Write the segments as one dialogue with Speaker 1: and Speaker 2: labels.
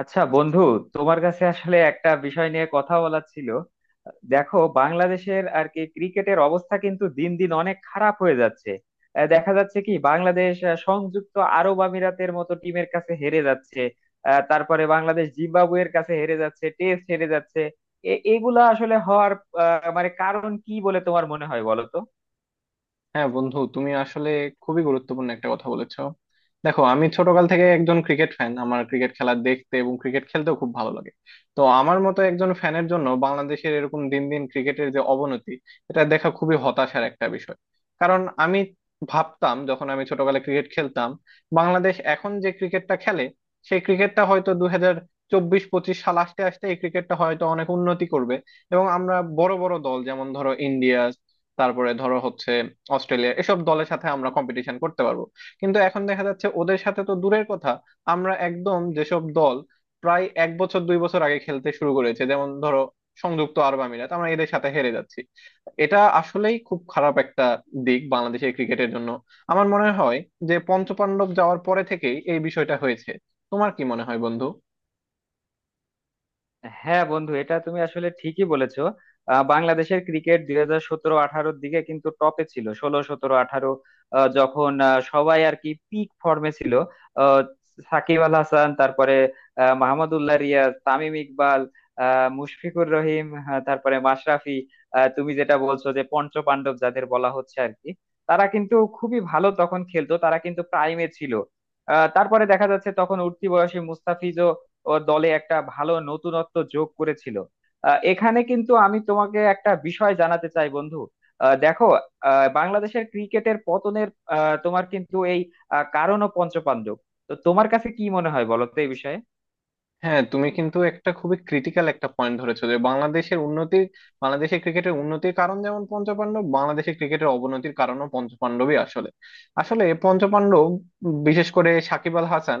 Speaker 1: আচ্ছা বন্ধু, তোমার কাছে আসলে একটা বিষয় নিয়ে কথা বলার ছিল। দেখো, বাংলাদেশের আর কি ক্রিকেটের অবস্থা কিন্তু দিন দিন অনেক খারাপ হয়ে যাচ্ছে। দেখা যাচ্ছে কি বাংলাদেশ সংযুক্ত আরব আমিরাতের মতো টিমের কাছে হেরে যাচ্ছে। তারপরে বাংলাদেশ জিম্বাবুয়ের কাছে হেরে যাচ্ছে, টেস্ট হেরে যাচ্ছে। এগুলা আসলে হওয়ার মানে কারণ কি বলে তোমার মনে হয়, বলো তো?
Speaker 2: হ্যাঁ বন্ধু, তুমি আসলে খুবই গুরুত্বপূর্ণ একটা কথা বলেছো। দেখো, আমি ছোটকাল থেকে একজন ক্রিকেট ফ্যান। আমার ক্রিকেট খেলা দেখতে এবং ক্রিকেট খেলতেও খুব ভালো লাগে। তো আমার মতো একজন ফ্যানের জন্য বাংলাদেশের এরকম দিন দিন ক্রিকেটের যে অবনতি, এটা দেখা খুবই হতাশার একটা বিষয়। কারণ আমি ভাবতাম যখন আমি ছোটকালে ক্রিকেট খেলতাম, বাংলাদেশ এখন যে ক্রিকেটটা খেলে সেই ক্রিকেটটা হয়তো 2024-25 সাল আসতে আসতে এই ক্রিকেটটা হয়তো অনেক উন্নতি করবে। এবং আমরা বড় বড় দল যেমন ধরো ইন্ডিয়া, তারপরে ধরো হচ্ছে অস্ট্রেলিয়া, এসব দলের সাথে আমরা কম্পিটিশন করতে পারবো। কিন্তু এখন দেখা যাচ্ছে ওদের সাথে তো দূরের কথা, আমরা একদম যেসব দল প্রায় এক বছর দুই বছর আগে খেলতে শুরু করেছে যেমন ধরো সংযুক্ত আরব আমিরাত, আমরা এদের সাথে হেরে যাচ্ছি। এটা আসলেই খুব খারাপ একটা দিক বাংলাদেশের ক্রিকেটের জন্য। আমার মনে হয় যে পঞ্চপাণ্ডব যাওয়ার পরে থেকেই এই বিষয়টা হয়েছে। তোমার কি মনে হয় বন্ধু?
Speaker 1: হ্যাঁ বন্ধু, এটা তুমি আসলে ঠিকই বলেছো। বাংলাদেশের ক্রিকেট 2017-18'র দিকে কিন্তু টপে ছিল, 16, 17, 18, যখন সবাই আর কি পিক ফর্মে ছিল। আহ, সাকিব আল হাসান, তারপরে মাহমুদউল্লাহ রিয়াজ, তামিম ইকবাল, মুশফিকুর রহিম, হ্যাঁ, তারপরে মাশরাফি। তুমি যেটা বলছো যে পঞ্চপাণ্ডব যাদের বলা হচ্ছে আর কি, তারা কিন্তু খুবই ভালো তখন খেলতো, তারা কিন্তু প্রাইমে ছিল। তারপরে দেখা যাচ্ছে তখন উঠতি বয়সে মুস্তাফিজ ও দলে একটা ভালো নতুনত্ব যোগ করেছিল। এখানে কিন্তু আমি তোমাকে একটা বিষয় জানাতে চাই বন্ধু। দেখো, বাংলাদেশের ক্রিকেটের পতনের তোমার কিন্তু এই কারণ ও পঞ্চপাণ্ডব। তো তোমার কাছে কি মনে হয়, বলো তো এই বিষয়ে?
Speaker 2: হ্যাঁ, তুমি কিন্তু একটা খুবই ক্রিটিক্যাল একটা পয়েন্ট ধরেছো যে বাংলাদেশের উন্নতির, বাংলাদেশের ক্রিকেটের উন্নতির কারণ যেমন পঞ্চপাণ্ডব, বাংলাদেশের ক্রিকেটের অবনতির কারণও পঞ্চপাণ্ডবই আসলে। আসলে পঞ্চপাণ্ডব, বিশেষ করে সাকিব আল হাসান,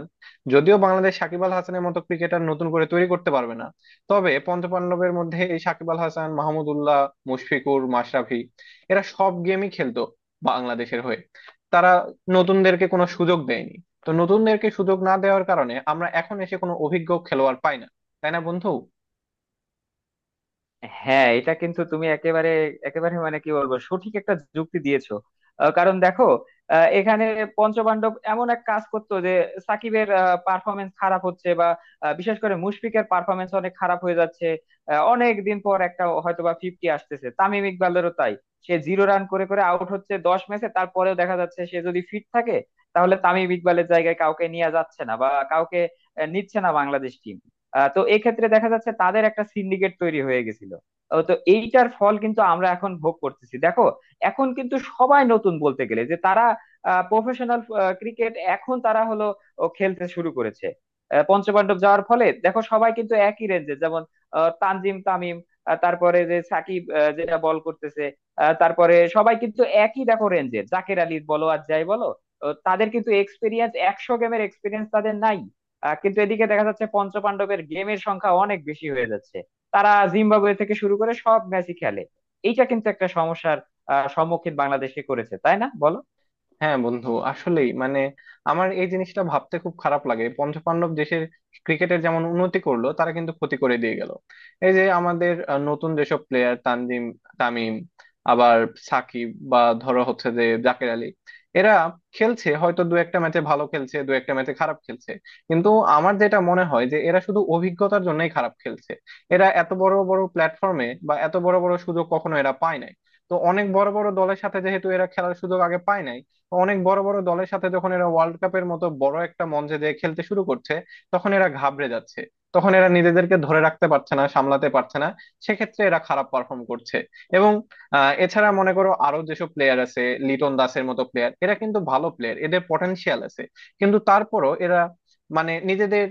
Speaker 2: যদিও বাংলাদেশ সাকিব আল হাসানের মতো ক্রিকেটার নতুন করে তৈরি করতে পারবে না, তবে পঞ্চপাণ্ডবের মধ্যে এই সাকিব আল হাসান, মাহমুদউল্লাহ, মুশফিকুর, মাশরাফি, এরা সব গেমই খেলতো বাংলাদেশের হয়ে। তারা নতুনদেরকে কোনো সুযোগ দেয়নি। তো নতুনদেরকে সুযোগ না দেওয়ার কারণে আমরা এখন এসে কোনো অভিজ্ঞ খেলোয়াড় পাই না। তাই না বন্ধু?
Speaker 1: হ্যাঁ, এটা কিন্তু তুমি একেবারে একেবারে মানে কি বলবো, সঠিক একটা যুক্তি দিয়েছো। কারণ দেখো, এখানে পঞ্চপাণ্ডব এমন এক কাজ করতো যে সাকিবের পারফরমেন্স খারাপ হচ্ছে, বা বিশেষ করে মুশফিকের পারফরমেন্স অনেক খারাপ হয়ে যাচ্ছে। অনেক দিন পর একটা হয়তোবা ফিফটি আসতেছে, তামিম ইকবালেরও তাই। সে জিরো রান করে করে আউট হচ্ছে 10 ম্যাচে, তারপরেও দেখা যাচ্ছে সে যদি ফিট থাকে তাহলে তামিম ইকবালের জায়গায় কাউকে নিয়ে যাচ্ছে না, বা কাউকে নিচ্ছে না বাংলাদেশ টিম। তো এক্ষেত্রে দেখা যাচ্ছে তাদের একটা সিন্ডিকেট তৈরি হয়ে গেছিল। ও তো এইটার ফল কিন্তু আমরা এখন ভোগ করতেছি। দেখো, এখন কিন্তু সবাই নতুন, বলতে গেলে যে তারা প্রফেশনাল ক্রিকেট এখন তারা হলো ও খেলতে শুরু করেছে। পঞ্চপাণ্ডব যাওয়ার ফলে দেখো সবাই কিন্তু একই রেঞ্জে, যেমন তানজিম তামিম, তারপরে যে সাকিব, যেটা বল করতেছে, তারপরে সবাই কিন্তু একই দেখো রেঞ্জে, জাকের আলী বলো আর যাই বলো। ও তাদের কিন্তু এক্সপিরিয়েন্স, 100 গেমের এক্সপিরিয়েন্স তাদের নাই। কিন্তু এদিকে দেখা যাচ্ছে পঞ্চপাণ্ডবের গেমের সংখ্যা অনেক বেশি হয়ে যাচ্ছে। তারা জিম্বাবুয়ে থেকে শুরু করে সব ম্যাচই খেলে। এইটা কিন্তু একটা সমস্যার সম্মুখীন বাংলাদেশকে করেছে, তাই না বলো?
Speaker 2: হ্যাঁ বন্ধু, আসলেই মানে, আমার এই জিনিসটা ভাবতে খুব খারাপ লাগে। পঞ্চপাণ্ডব দেশের ক্রিকেটের যেমন উন্নতি করলো, তারা কিন্তু ক্ষতি করে দিয়ে গেল। এই যে আমাদের নতুন যেসব প্লেয়ার তানজিম তামিম, আবার সাকিব বা ধরো হচ্ছে যে জাকের আলী, এরা খেলছে, হয়তো দু একটা ম্যাচে ভালো খেলছে, দু একটা ম্যাচে খারাপ খেলছে। কিন্তু আমার যেটা মনে হয় যে এরা শুধু অভিজ্ঞতার জন্যই খারাপ খেলছে। এরা এত বড় বড় প্ল্যাটফর্মে বা এত বড় বড় সুযোগ কখনো এরা পায় নাই। তো অনেক বড় বড় দলের সাথে যেহেতু এরা খেলার সুযোগ আগে পায় নাই, অনেক বড় বড় দলের সাথে যখন এরা ওয়ার্ল্ড কাপের মতো বড় একটা মঞ্চে যেয়ে খেলতে শুরু করছে, তখন এরা ঘাবড়ে যাচ্ছে। তখন এরা নিজেদেরকে ধরে রাখতে পারছে না, সামলাতে পারছে না। সেক্ষেত্রে এরা খারাপ পারফর্ম করছে। এবং এছাড়া মনে করো আরো যেসব প্লেয়ার আছে, লিটন দাসের মতো প্লেয়ার, এরা কিন্তু ভালো প্লেয়ার, এদের পটেনশিয়াল আছে। কিন্তু তারপরও এরা মানে নিজেদের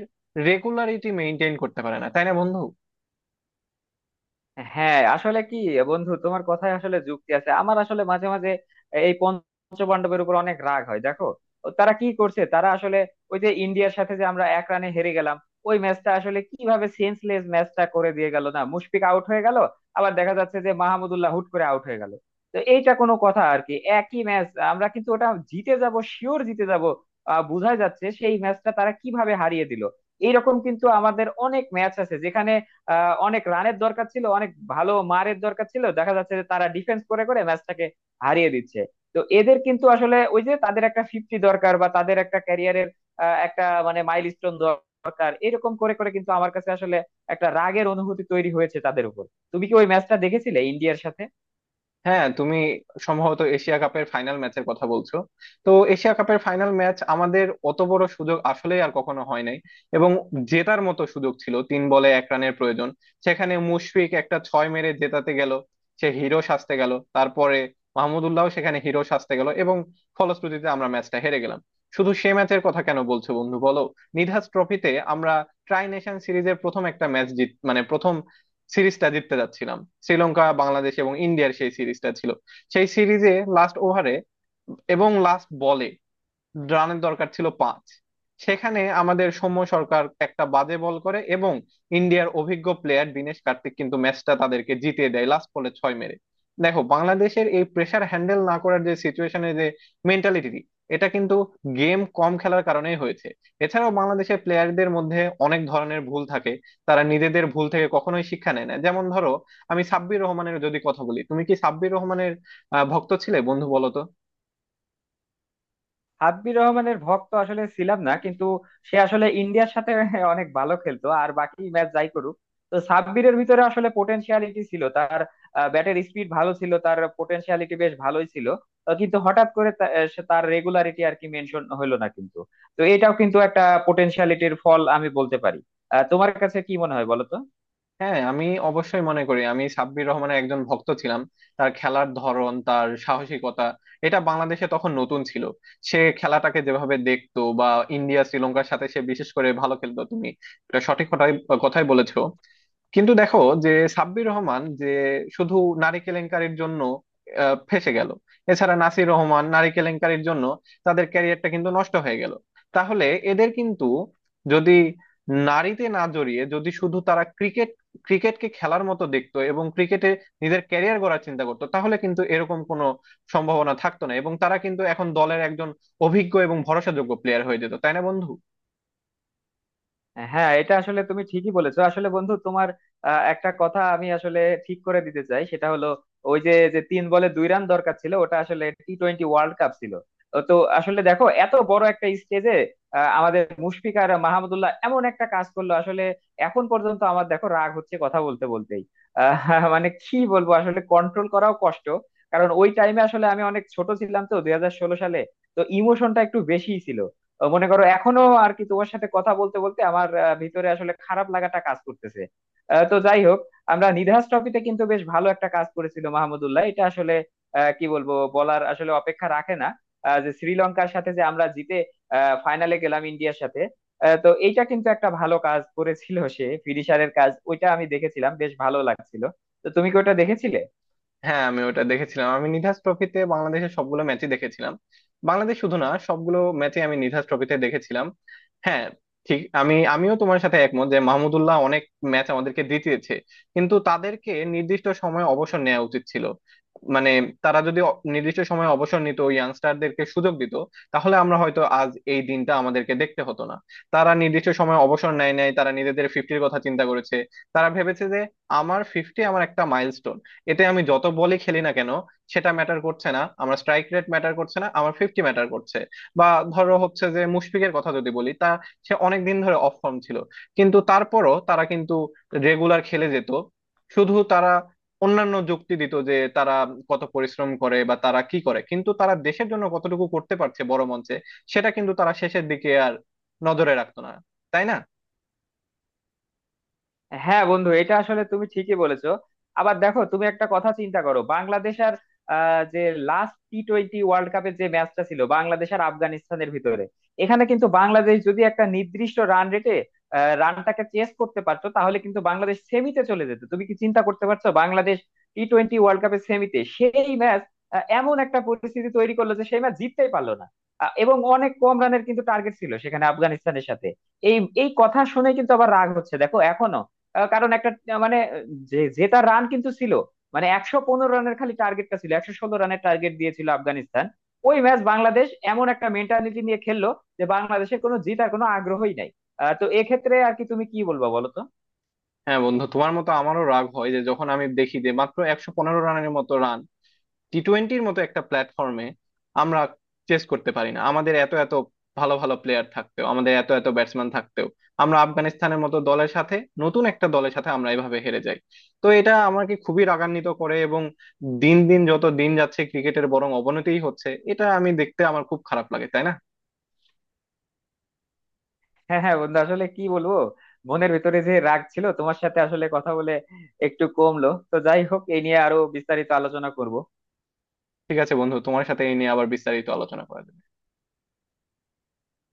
Speaker 2: রেগুলারিটি মেনটেন করতে পারে না। তাই না বন্ধু?
Speaker 1: হ্যাঁ, আসলে কি বন্ধু, তোমার কথায় আসলে যুক্তি আছে। আমার আসলে মাঝে মাঝে এই পঞ্চপাণ্ডবের উপর অনেক রাগ হয়। দেখো ও তারা কি করছে, তারা আসলে ওই যে ইন্ডিয়ার সাথে যে আমরা 1 রানে হেরে গেলাম, ওই ম্যাচটা আসলে কিভাবে সেন্সলেস ম্যাচটা করে দিয়ে গেল। না মুশফিক আউট হয়ে গেল, আবার দেখা যাচ্ছে যে মাহমুদুল্লাহ হুট করে আউট হয়ে গেল। তো এইটা কোনো কথা আর কি, একই ম্যাচ আমরা কিন্তু ওটা জিতে যাব, শিওর জিতে যাব। বোঝাই যাচ্ছে সেই ম্যাচটা তারা কিভাবে হারিয়ে দিল। এইরকম কিন্তু আমাদের অনেক ম্যাচ আছে যেখানে অনেক রানের দরকার ছিল, অনেক ভালো মারের দরকার ছিল, দেখা যাচ্ছে যে তারা ডিফেন্স করে করে ম্যাচটাকে হারিয়ে দিচ্ছে। তো এদের কিন্তু আসলে ওই যে তাদের একটা ফিফটি দরকার, বা তাদের একটা ক্যারিয়ারের একটা মানে মাইলস্টোন দরকার, এরকম করে করে কিন্তু আমার কাছে আসলে একটা রাগের অনুভূতি তৈরি হয়েছে তাদের উপর। তুমি কি ওই ম্যাচটা দেখেছিলে ইন্ডিয়ার সাথে?
Speaker 2: হ্যাঁ, তুমি সম্ভবত এশিয়া কাপের ফাইনাল ম্যাচের কথা বলছো। তো এশিয়া কাপের ফাইনাল ম্যাচ, আমাদের অত বড় সুযোগ আসলে আর কখনো হয় নাই। এবং জেতার মতো সুযোগ ছিল, 3 বলে 1 রানের প্রয়োজন। সেখানে মুশফিক একটা ছয় মেরে জেতাতে গেল, সে হিরো সাজতে গেল। তারপরে মাহমুদুল্লাহ সেখানে হিরো সাজতে গেল এবং ফলশ্রুতিতে আমরা ম্যাচটা হেরে গেলাম। শুধু সে ম্যাচের কথা কেন বলছো বন্ধু, বলো। নিধাস ট্রফিতে আমরা ট্রাই নেশন সিরিজের প্রথম একটা ম্যাচ জিত মানে প্রথম সিরিজটা জিততে যাচ্ছিলাম। শ্রীলঙ্কা, বাংলাদেশ এবং ইন্ডিয়ার সেই সিরিজটা ছিল। সেই সিরিজে লাস্ট ওভারে এবং লাস্ট বলে রানের দরকার ছিল 5। সেখানে আমাদের সৌম্য সরকার একটা বাজে বল করে এবং ইন্ডিয়ার অভিজ্ঞ প্লেয়ার দিনেশ কার্তিক কিন্তু ম্যাচটা তাদেরকে জিতিয়ে দেয় লাস্ট বলে ছয় মেরে। দেখো, বাংলাদেশের এই প্রেসার হ্যান্ডেল না করার যে সিচুয়েশনে যে মেন্টালিটি, এটা কিন্তু গেম কম খেলার কারণেই হয়েছে। এছাড়াও বাংলাদেশের প্লেয়ারদের মধ্যে অনেক ধরনের ভুল থাকে। তারা নিজেদের ভুল থেকে কখনোই শিক্ষা নেয় না। যেমন ধরো, আমি সাব্বির রহমানের যদি কথা বলি, তুমি কি সাব্বির রহমানের ভক্ত ছিলে বন্ধু, বলো তো?
Speaker 1: হাব্বির রহমানের ভক্ত আসলে ছিলাম না, কিন্তু সে আসলে ইন্ডিয়ার সাথে অনেক ভালো খেলতো আর বাকি ম্যাচ যাই করুক। তো সাব্বিরের ভিতরে আসলে পোটেনশিয়ালিটি ছিল, তার ব্যাটের স্পিড ভালো ছিল, তার পোটেনশিয়ালিটি বেশ ভালোই ছিল। কিন্তু হঠাৎ করে সে তার রেগুলারিটি আর কি মেনশন হলো না কিন্তু। তো এটাও কিন্তু একটা পোটেনশিয়ালিটির ফল আমি বলতে পারি। তোমার কাছে কি মনে হয় বলো তো?
Speaker 2: হ্যাঁ, আমি অবশ্যই মনে করি আমি সাব্বির রহমানের একজন ভক্ত ছিলাম। তার খেলার ধরন, তার সাহসিকতা, এটা বাংলাদেশে তখন নতুন ছিল। সে খেলাটাকে যেভাবে দেখতো বা ইন্ডিয়া শ্রীলঙ্কার সাথে সে বিশেষ করে ভালো খেলতো, তুমি এটা সঠিক কথাই কথাই বলেছো। কিন্তু দেখো, যে সাব্বির রহমান যে শুধু নারী কেলেঙ্কারির জন্য ফেঁসে গেল, এছাড়া নাসির রহমান নারী কেলেঙ্কারির জন্য তাদের ক্যারিয়ারটা কিন্তু নষ্ট হয়ে গেল। তাহলে এদের কিন্তু যদি নারীতে না জড়িয়ে যদি শুধু তারা ক্রিকেট ক্রিকেটকে খেলার মতো দেখতো এবং ক্রিকেটে নিজের ক্যারিয়ার গড়ার চিন্তা করতো, তাহলে কিন্তু এরকম কোনো সম্ভাবনা থাকতো না এবং তারা কিন্তু এখন দলের একজন অভিজ্ঞ এবং ভরসাযোগ্য প্লেয়ার হয়ে যেত। তাই না বন্ধু?
Speaker 1: হ্যাঁ, এটা আসলে তুমি ঠিকই বলেছো আসলে বন্ধু, তোমার একটা কথা আমি আসলে ঠিক করে দিতে চাই, সেটা হলো ওই যে যে 3 বলে 2 রান দরকার ছিল, ওটা আসলে টি টোয়েন্টি ওয়ার্ল্ড কাপ ছিল। তো তো আসলে দেখো এত বড় একটা স্টেজে আমাদের মুশফিক আর মাহমুদুল্লাহ এমন একটা কাজ করলো আসলে এখন পর্যন্ত আমার দেখো রাগ হচ্ছে কথা বলতে বলতেই। মানে কি বলবো আসলে, কন্ট্রোল করাও কষ্ট। কারণ ওই টাইমে আসলে আমি অনেক ছোট ছিলাম, তো 2016 সালে তো ইমোশনটা একটু বেশিই ছিল। মনে করো এখনো আর কি তোমার সাথে কথা বলতে বলতে আমার ভিতরে আসলে খারাপ লাগাটা কাজ করতেছে। তো যাই হোক, আমরা নিধাস ট্রফিতে কিন্তু বেশ ভালো একটা কাজ করেছিল মাহমুদুল্লাহ, এটা আসলে কি বলবো, বলার আসলে অপেক্ষা রাখে না, যে শ্রীলঙ্কার সাথে যে আমরা জিতে ফাইনালে গেলাম ইন্ডিয়ার সাথে। তো এইটা কিন্তু একটা ভালো কাজ করেছিল সে, ফিনিশারের কাজ। ওইটা আমি দেখেছিলাম, বেশ ভালো লাগছিল। তো তুমি কি ওটা দেখেছিলে?
Speaker 2: হ্যাঁ আমি ওটা দেখেছিলাম। আমি নিধাস ট্রফিতে বাংলাদেশের সবগুলো ম্যাচই দেখেছিলাম। বাংলাদেশ শুধু না, সবগুলো ম্যাচই আমি নিধাস ট্রফিতে দেখেছিলাম। হ্যাঁ, ঠিক, আমিও তোমার সাথে একমত যে মাহমুদুল্লাহ অনেক ম্যাচ আমাদেরকে জিতিয়েছে। কিন্তু তাদেরকে নির্দিষ্ট সময়ে অবসর নেওয়া উচিত ছিল। মানে, তারা যদি নির্দিষ্ট সময়ে অবসর নিত, ইয়াংস্টারদেরকে সুযোগ দিত, তাহলে আমরা হয়তো আজ এই দিনটা আমাদেরকে দেখতে হতো না। তারা নির্দিষ্ট সময়ে অবসর নেয় নাই, তারা নিজেদের ফিফটির কথা চিন্তা করেছে। তারা ভেবেছে যে আমার ফিফটি আমার একটা মাইলস্টোন, এতে আমি যত বলই খেলি না কেন সেটা ম্যাটার করছে না, আমার স্ট্রাইক রেট ম্যাটার করছে না, আমার ফিফটি ম্যাটার করছে। বা ধরো হচ্ছে যে মুশফিকের কথা যদি বলি তা, সে অনেক দিন ধরে অফ ফর্ম ছিল, কিন্তু তারপরও তারা কিন্তু রেগুলার খেলে যেত। শুধু তারা অন্যান্য যুক্তি দিত যে তারা কত পরিশ্রম করে বা তারা কি করে, কিন্তু তারা দেশের জন্য কতটুকু করতে পারছে বড় মঞ্চে সেটা কিন্তু তারা শেষের দিকে আর নজরে রাখতো না। তাই না?
Speaker 1: হ্যাঁ বন্ধু, এটা আসলে তুমি ঠিকই বলেছো। আবার দেখো, তুমি একটা কথা চিন্তা করো, বাংলাদেশ আর যে লাস্ট টি টোয়েন্টি ওয়ার্ল্ড কাপের যে ম্যাচটা ছিল বাংলাদেশ আর আফগানিস্তানের ভিতরে, এখানে কিন্তু বাংলাদেশ যদি একটা নির্দিষ্ট রান রেটে রানটাকে চেস করতে পারতো তাহলে কিন্তু বাংলাদেশ সেমিতে চলে যেত। তুমি কি চিন্তা করতে পারছো, বাংলাদেশ টি টোয়েন্টি ওয়ার্ল্ড কাপের সেমিতে! সেই ম্যাচ এমন একটা পরিস্থিতি তৈরি করলো যে সেই ম্যাচ জিততেই পারলো না। এবং অনেক কম রানের কিন্তু টার্গেট ছিল সেখানে আফগানিস্তানের সাথে। এই এই কথা শুনে কিন্তু আবার রাগ হচ্ছে দেখো এখনো। কারণ একটা মানে যে জেতা রান কিন্তু ছিল, মানে 115 রানের খালি টার্গেটটা ছিল, 116 রানের টার্গেট দিয়েছিল আফগানিস্তান। ওই ম্যাচ বাংলাদেশ এমন একটা মেন্টালিটি নিয়ে খেললো যে বাংলাদেশের কোনো জেতার কোনো আগ্রহই নাই। তো এক্ষেত্রে আর কি তুমি কি বলবা, বলো তো?
Speaker 2: হ্যাঁ বন্ধু, তোমার মতো আমারও রাগ হয় যে যখন আমি দেখি যে মাত্র 115 রানের মতো রান টি টোয়েন্টির মতো একটা প্ল্যাটফর্মে আমরা চেস করতে পারি না, আমাদের এত এত ভালো ভালো প্লেয়ার থাকতেও, আমাদের এত এত ব্যাটসম্যান থাকতেও আমরা আফগানিস্তানের মতো দলের সাথে, নতুন একটা দলের সাথে আমরা এভাবে হেরে যাই। তো এটা আমাকে খুবই রাগান্বিত করে। এবং দিন দিন যত দিন যাচ্ছে ক্রিকেটের বরং অবনতিই হচ্ছে, এটা আমি দেখতে আমার খুব খারাপ লাগে। তাই না?
Speaker 1: হ্যাঁ, হ্যাঁ বন্ধু, আসলে কি বলবো, মনের ভিতরে যে রাগ ছিল তোমার সাথে আসলে কথা বলে একটু কমলো। তো যাই হোক, এই নিয়ে আরো বিস্তারিত আলোচনা করব।
Speaker 2: ঠিক আছে বন্ধু, তোমার সাথে এই নিয়ে আবার বিস্তারিত আলোচনা করা যাবে।